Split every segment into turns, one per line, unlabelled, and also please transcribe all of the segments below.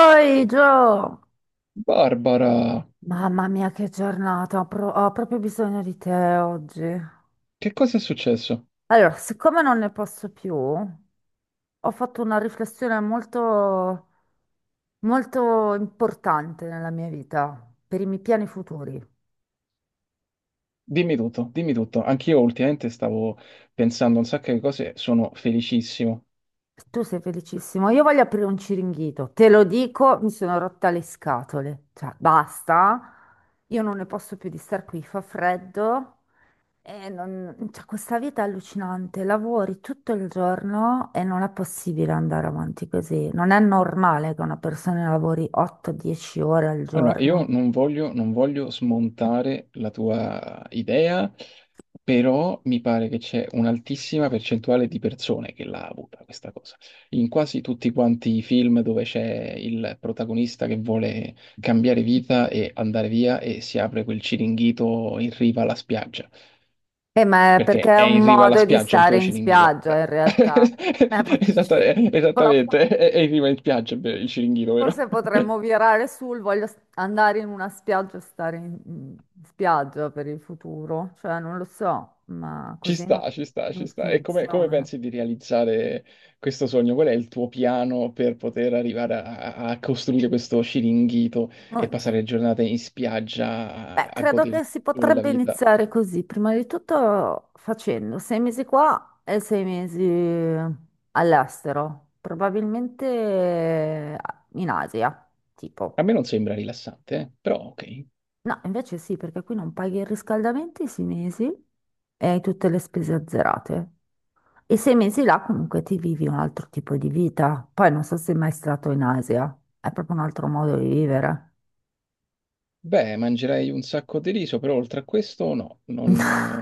Oi Gio!
Barbara,
Mamma mia che giornata, ho proprio bisogno di te oggi.
che cosa è successo?
Allora, siccome non ne posso più, ho fatto una riflessione molto, molto importante nella mia vita, per i miei piani futuri.
Dimmi tutto, dimmi tutto. Anch'io ultimamente stavo pensando a un sacco di cose, sono felicissimo.
Tu sei felicissimo, io voglio aprire un ciringhito, te lo dico, mi sono rotta le scatole, cioè basta, io non ne posso più di star qui, fa freddo. Cioè, questa vita è allucinante, lavori tutto il giorno e non è possibile andare avanti così. Non è normale che una persona lavori 8-10 ore al
Allora, io
giorno.
non voglio smontare la tua idea, però mi pare che c'è un'altissima percentuale di persone che l'ha avuta questa cosa. In quasi tutti quanti i film dove c'è il protagonista che vuole cambiare vita e andare via e si apre quel ciringhito in riva alla spiaggia.
Ma è perché
Perché
è
è in
un
riva alla
modo di
spiaggia il
stare
tuo
in
Ciringhito.
spiaggia in realtà. Proprio
Esatta-
ci
eh,
rincola.
Esattamente, è in riva in spiaggia beh, il Ciringhito, vero?
Forse potremmo virare sul voglio andare in una spiaggia e stare in spiaggia per il futuro. Cioè, non lo so, ma
Ci
così non,
sta, ci sta, ci
non
sta. E come
funziona.
pensi di realizzare questo sogno? Qual è il tuo piano per poter arrivare a costruire questo Ciringhito e
Oddio.
passare le giornate in spiaggia a,
Beh,
a
credo
goderti
che si
il sole e la
potrebbe
vita?
iniziare così, prima di tutto facendo 6 mesi qua e 6 mesi all'estero, probabilmente in Asia, tipo.
A me non sembra rilassante, però ok.
No, invece sì, perché qui non paghi il riscaldamento i 6 mesi e hai tutte le spese azzerate. E 6 mesi là comunque ti vivi un altro tipo di vita. Poi non so se sei mai stato in Asia, è proprio un altro modo di vivere.
Beh, mangerei un sacco di riso, però oltre a questo no, non,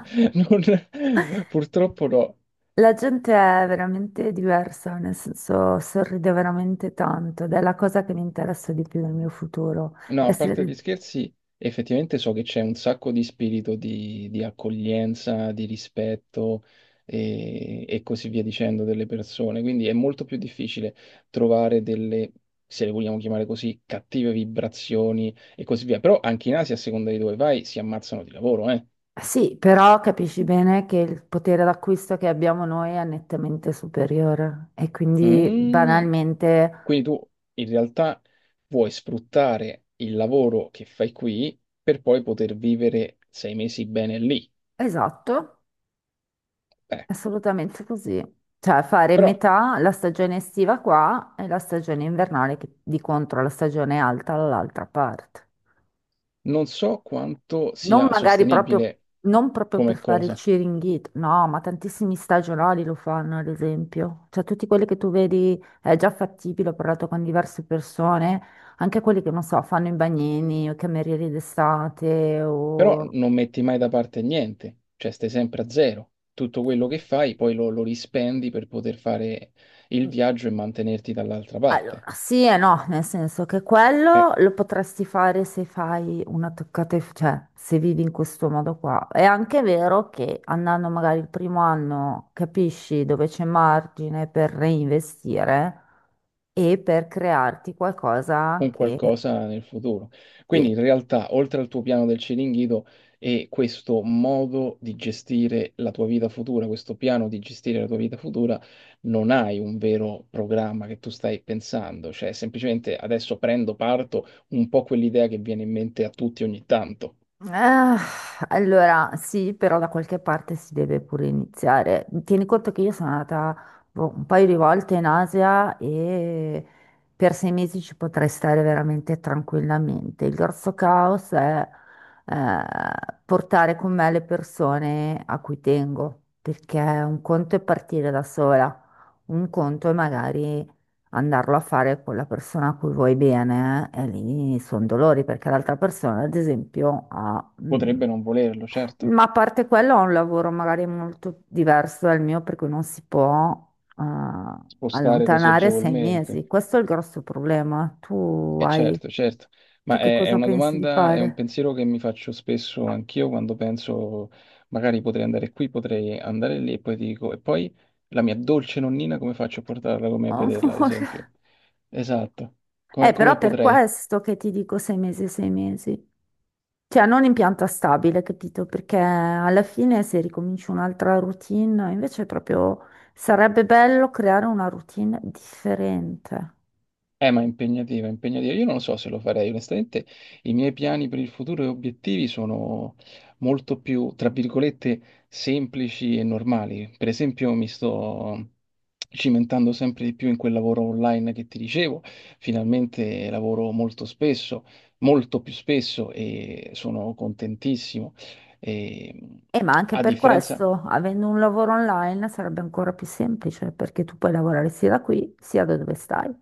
purtroppo no.
La gente è veramente diversa, nel senso sorride veramente tanto ed è la cosa che mi interessa di più nel mio futuro.
No, a parte gli
Essere...
scherzi, effettivamente so che c'è un sacco di spirito di accoglienza, di rispetto e così via dicendo delle persone, quindi è molto più difficile trovare delle, se le vogliamo chiamare così, cattive vibrazioni e così via. Però anche in Asia, a seconda di dove vai, si ammazzano di lavoro, eh.
Sì, però capisci bene che il potere d'acquisto che abbiamo noi è nettamente superiore e quindi
Mm.
banalmente,
Quindi tu in realtà vuoi sfruttare il lavoro che fai qui per poi poter vivere 6 mesi bene lì.
esatto,
Eh,
assolutamente così. Cioè fare
però
metà la stagione estiva qua e la stagione invernale che di contro la stagione alta dall'altra parte.
non so quanto
Non
sia
magari proprio,
sostenibile
non proprio per
come
fare il
cosa,
cheeringhito, no, ma tantissimi stagionali lo fanno, ad esempio. Cioè, tutti quelli che tu vedi è già fattibile, ho parlato con diverse persone, anche quelli che, non so, fanno i bagnini o i camerieri d'estate
però
o...
non metti mai da parte niente, cioè stai sempre a zero. Tutto quello che fai poi lo rispendi per poter fare il viaggio e mantenerti dall'altra
Allora,
parte.
sì e no, nel senso che
Eh,
quello lo potresti fare se fai una toccata, cioè se vivi in questo modo qua. È anche vero che andando magari il primo anno capisci dove c'è margine per reinvestire e per crearti qualcosa
un
che
qualcosa nel futuro. Quindi
sì.
in realtà, oltre al tuo piano del Ciringhito, è questo modo di gestire la tua vita futura, questo piano di gestire la tua vita futura, non hai un vero programma che tu stai pensando, cioè semplicemente adesso prendo, parto, un po' quell'idea che viene in mente a tutti ogni tanto.
Ah, allora, sì, però da qualche parte si deve pure iniziare. Tieni conto che io sono andata boh, un paio di volte in Asia e per 6 mesi ci potrei stare veramente tranquillamente. Il grosso caos è eh, portare con me le persone a cui tengo, perché un conto è partire da sola, un conto è magari andarlo a fare con la persona a cui vuoi bene, e lì sono dolori perché l'altra persona, ad esempio, ha...
Potrebbe non volerlo, certo,
ma a parte quello ha un lavoro magari molto diverso dal mio, per cui non si può eh,
spostare così
allontanare sei
agevolmente.
mesi. Questo è il grosso problema. Tu
E
hai...
certo, certo,
Tu
ma
che
è
cosa
una
pensi di
domanda, è un
fare?
pensiero che mi faccio spesso anch'io quando penso magari potrei andare qui, potrei andare lì e poi dico, e poi la mia dolce nonnina come faccio a portarla con me a
Oh,
vederla, ad
Amore.
esempio? Esatto, come, come
Però per
potrei?
questo che ti dico 6 mesi, 6 mesi. Cioè, non in pianta stabile, capito? Perché alla fine se ricominci un'altra routine, invece proprio sarebbe bello creare una routine differente.
Ma è impegnativa, è impegnativa. Io non lo so se lo farei, onestamente i miei piani per il futuro e obiettivi sono molto più, tra virgolette, semplici e normali. Per esempio, mi sto cimentando sempre di più in quel lavoro online che ti dicevo. Finalmente lavoro molto spesso, molto più spesso e sono contentissimo. E,
E ma anche
a
per
differenza.
questo, avendo un lavoro online, sarebbe ancora più semplice, perché tu puoi lavorare sia da qui, sia da dove stai.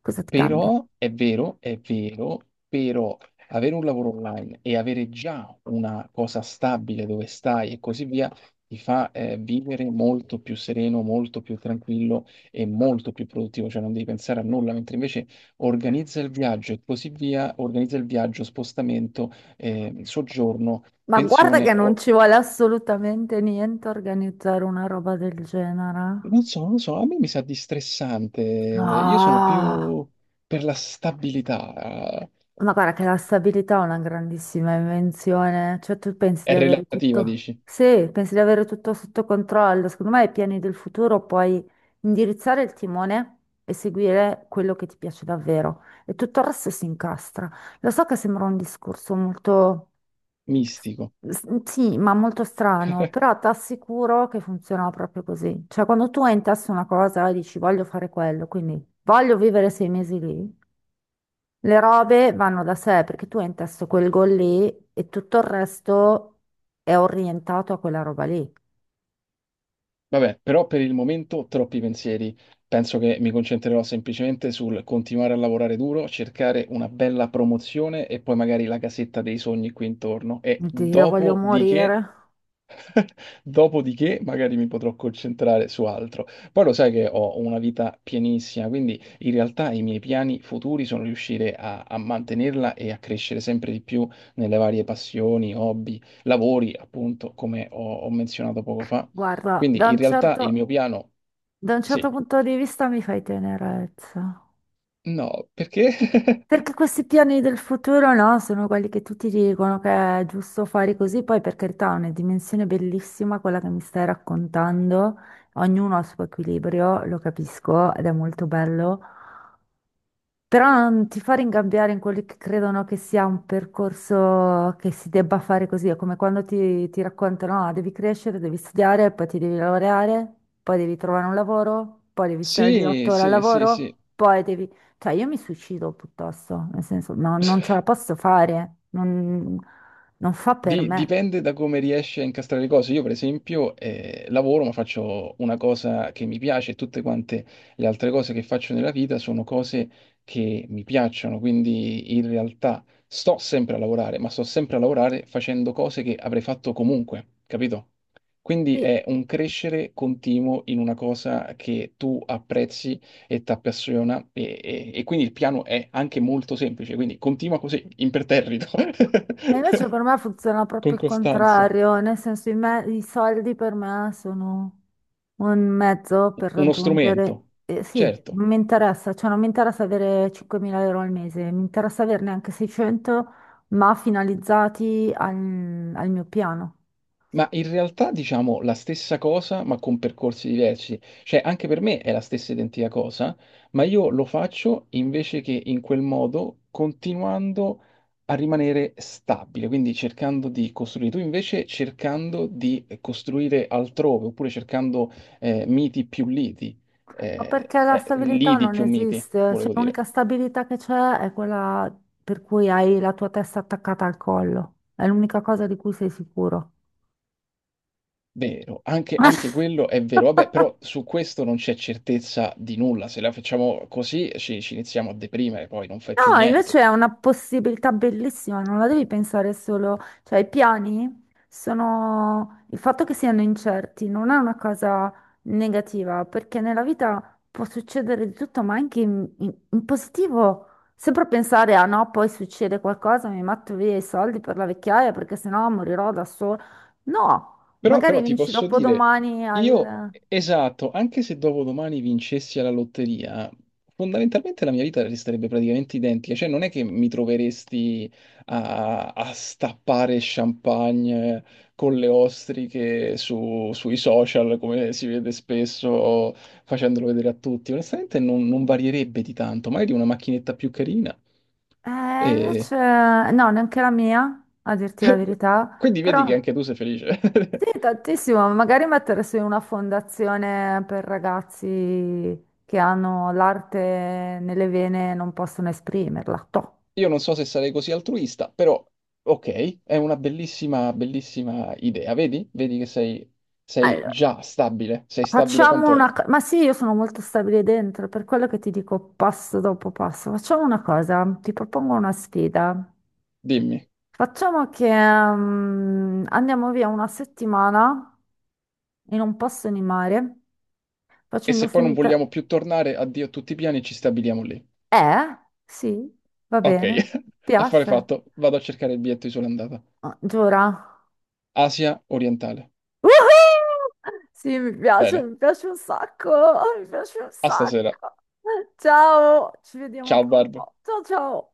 Cosa ti cambia?
Però è vero, però avere un lavoro online e avere già una cosa stabile dove stai e così via ti fa vivere molto più sereno, molto più tranquillo e molto più produttivo, cioè non devi pensare a nulla, mentre invece organizza il viaggio e così via, organizza il viaggio, spostamento, soggiorno,
Ma guarda che
pensione,
non ci vuole assolutamente niente a organizzare una roba del genere.
non so, non so, a me mi sa di stressante, io sono
No.
più per la stabilità,
Ma guarda che la stabilità è una grandissima invenzione, cioè tu pensi
è
di avere
relativa,
tutto,
dici?
sì, pensi di avere tutto sotto controllo, secondo me ai piani del futuro puoi indirizzare il timone e seguire quello che ti piace davvero e tutto il resto si incastra. Lo so che sembra un discorso molto,
Mistico.
sì, ma molto strano, però ti assicuro che funziona proprio così, cioè quando tu hai in testa una cosa e dici voglio fare quello, quindi voglio vivere 6 mesi lì. Le robe vanno da sé perché tu hai in testa quel gol lì e tutto il resto è orientato a quella roba lì.
Vabbè, però per il momento troppi pensieri. Penso che mi concentrerò semplicemente sul continuare a lavorare duro, cercare una bella promozione e poi magari la casetta dei sogni qui intorno. E
Dio, voglio
dopodiché.
morire.
Dopodiché magari mi potrò concentrare su altro. Poi lo sai che ho una vita pienissima, quindi in realtà i miei piani futuri sono riuscire a, a mantenerla e a crescere sempre di più nelle varie passioni, hobby, lavori, appunto, come ho menzionato poco fa.
Guarda,
Quindi in realtà il mio piano,
da un
sì,
certo punto di vista mi fai tenerezza.
no, perché?
Perché questi piani del futuro, no, sono quelli che tutti dicono che è giusto fare così, poi per carità è una dimensione bellissima quella che mi stai raccontando, ognuno ha il suo equilibrio, lo capisco ed è molto bello. Però non ti fa ringabbiare in quelli che credono che sia un percorso che si debba fare così, è come quando ti raccontano, ah, devi crescere, devi studiare, poi ti devi laureare, poi devi trovare un lavoro, poi devi stare lì
Sì,
8 ore al
sì, sì,
lavoro,
sì.
poi devi... Cioè, io mi suicido piuttosto, nel senso, no, non ce la posso fare, non, non fa per
Di-
me.
dipende da come riesci a incastrare le cose. Io, per esempio, lavoro, ma faccio una cosa che mi piace e tutte quante le altre cose che faccio nella vita sono cose che mi piacciono. Quindi, in realtà, sto sempre a lavorare, ma sto sempre a lavorare facendo cose che avrei fatto comunque, capito? Quindi
Sì.
è un crescere continuo in una cosa che tu apprezzi e ti appassiona e quindi il piano è anche molto semplice, quindi continua così, imperterrito.
E invece per me funziona
Con
proprio il
Costanza,
contrario, nel senso, i soldi per me sono... Un mezzo per
uno
raggiungere...
strumento,
sì,
certo,
non mi interessa, cioè non mi interessa avere 5.000 euro al mese, mi interessa averne anche 600, ma finalizzati al mio piano.
ma in realtà diciamo la stessa cosa ma con percorsi diversi, cioè anche per me è la stessa identica cosa, ma io lo faccio invece che in quel modo continuando a rimanere stabile, quindi cercando di costruire, tu invece cercando di costruire altrove oppure cercando miti più liti,
Ma perché la stabilità
lidi
non
più miti,
esiste? Cioè,
volevo dire.
l'unica stabilità che c'è è quella per cui hai la tua testa attaccata al collo. È l'unica cosa di cui sei sicuro.
Vero, anche, anche quello è vero. Vabbè, però su questo non c'è certezza di nulla. Se la facciamo così ci iniziamo a deprimere, poi non fai più
No,
niente.
invece è una possibilità bellissima, non la devi pensare solo, cioè i piani sono il fatto che siano incerti non è una cosa negativa, perché nella vita può succedere di tutto, ma anche in positivo. Sempre pensare a no, poi succede qualcosa, mi metto via i soldi per la vecchiaia perché sennò morirò da sola. No,
Però,
magari
però ti
vinci
posso dire,
dopodomani
io,
al...
esatto, anche se dopodomani vincessi alla lotteria, fondamentalmente la mia vita resterebbe praticamente identica, cioè non è che mi troveresti a stappare champagne con le ostriche sui social, come si vede spesso, facendolo vedere a tutti. Onestamente non varierebbe di tanto, magari una macchinetta più carina.
Eh,
E.
invece no, neanche la mia, a dirti la verità,
Quindi vedi che
però...
anche tu sei felice.
Sì, tantissimo, magari mettersi in una fondazione per ragazzi che hanno l'arte nelle vene e non possono esprimerla. Toh.
Io non so se sarei così altruista, però ok, è una bellissima, bellissima idea. Vedi? Vedi che sei,
Allora,
già stabile, sei stabile
facciamo
quanto è.
una cosa, ma sì, io sono molto stabile dentro, per quello che ti dico passo dopo passo. Facciamo una cosa, ti propongo una sfida.
Dimmi.
Facciamo che andiamo via una settimana in un posto di mare,
E se
facendo
poi non
finta...
vogliamo più tornare, addio a tutti i piani, ci stabiliamo lì.
Eh? Sì, va
Ok,
bene,
affare
piace.
fatto. Vado a cercare il biglietto di sola andata.
Ah, Giura?
Asia orientale.
Woohoo! Sì,
Bene,
mi piace un sacco, mi piace un
a
sacco.
stasera.
Ciao, ci vediamo
Ciao
tra un
Barb.
po'. Ciao ciao.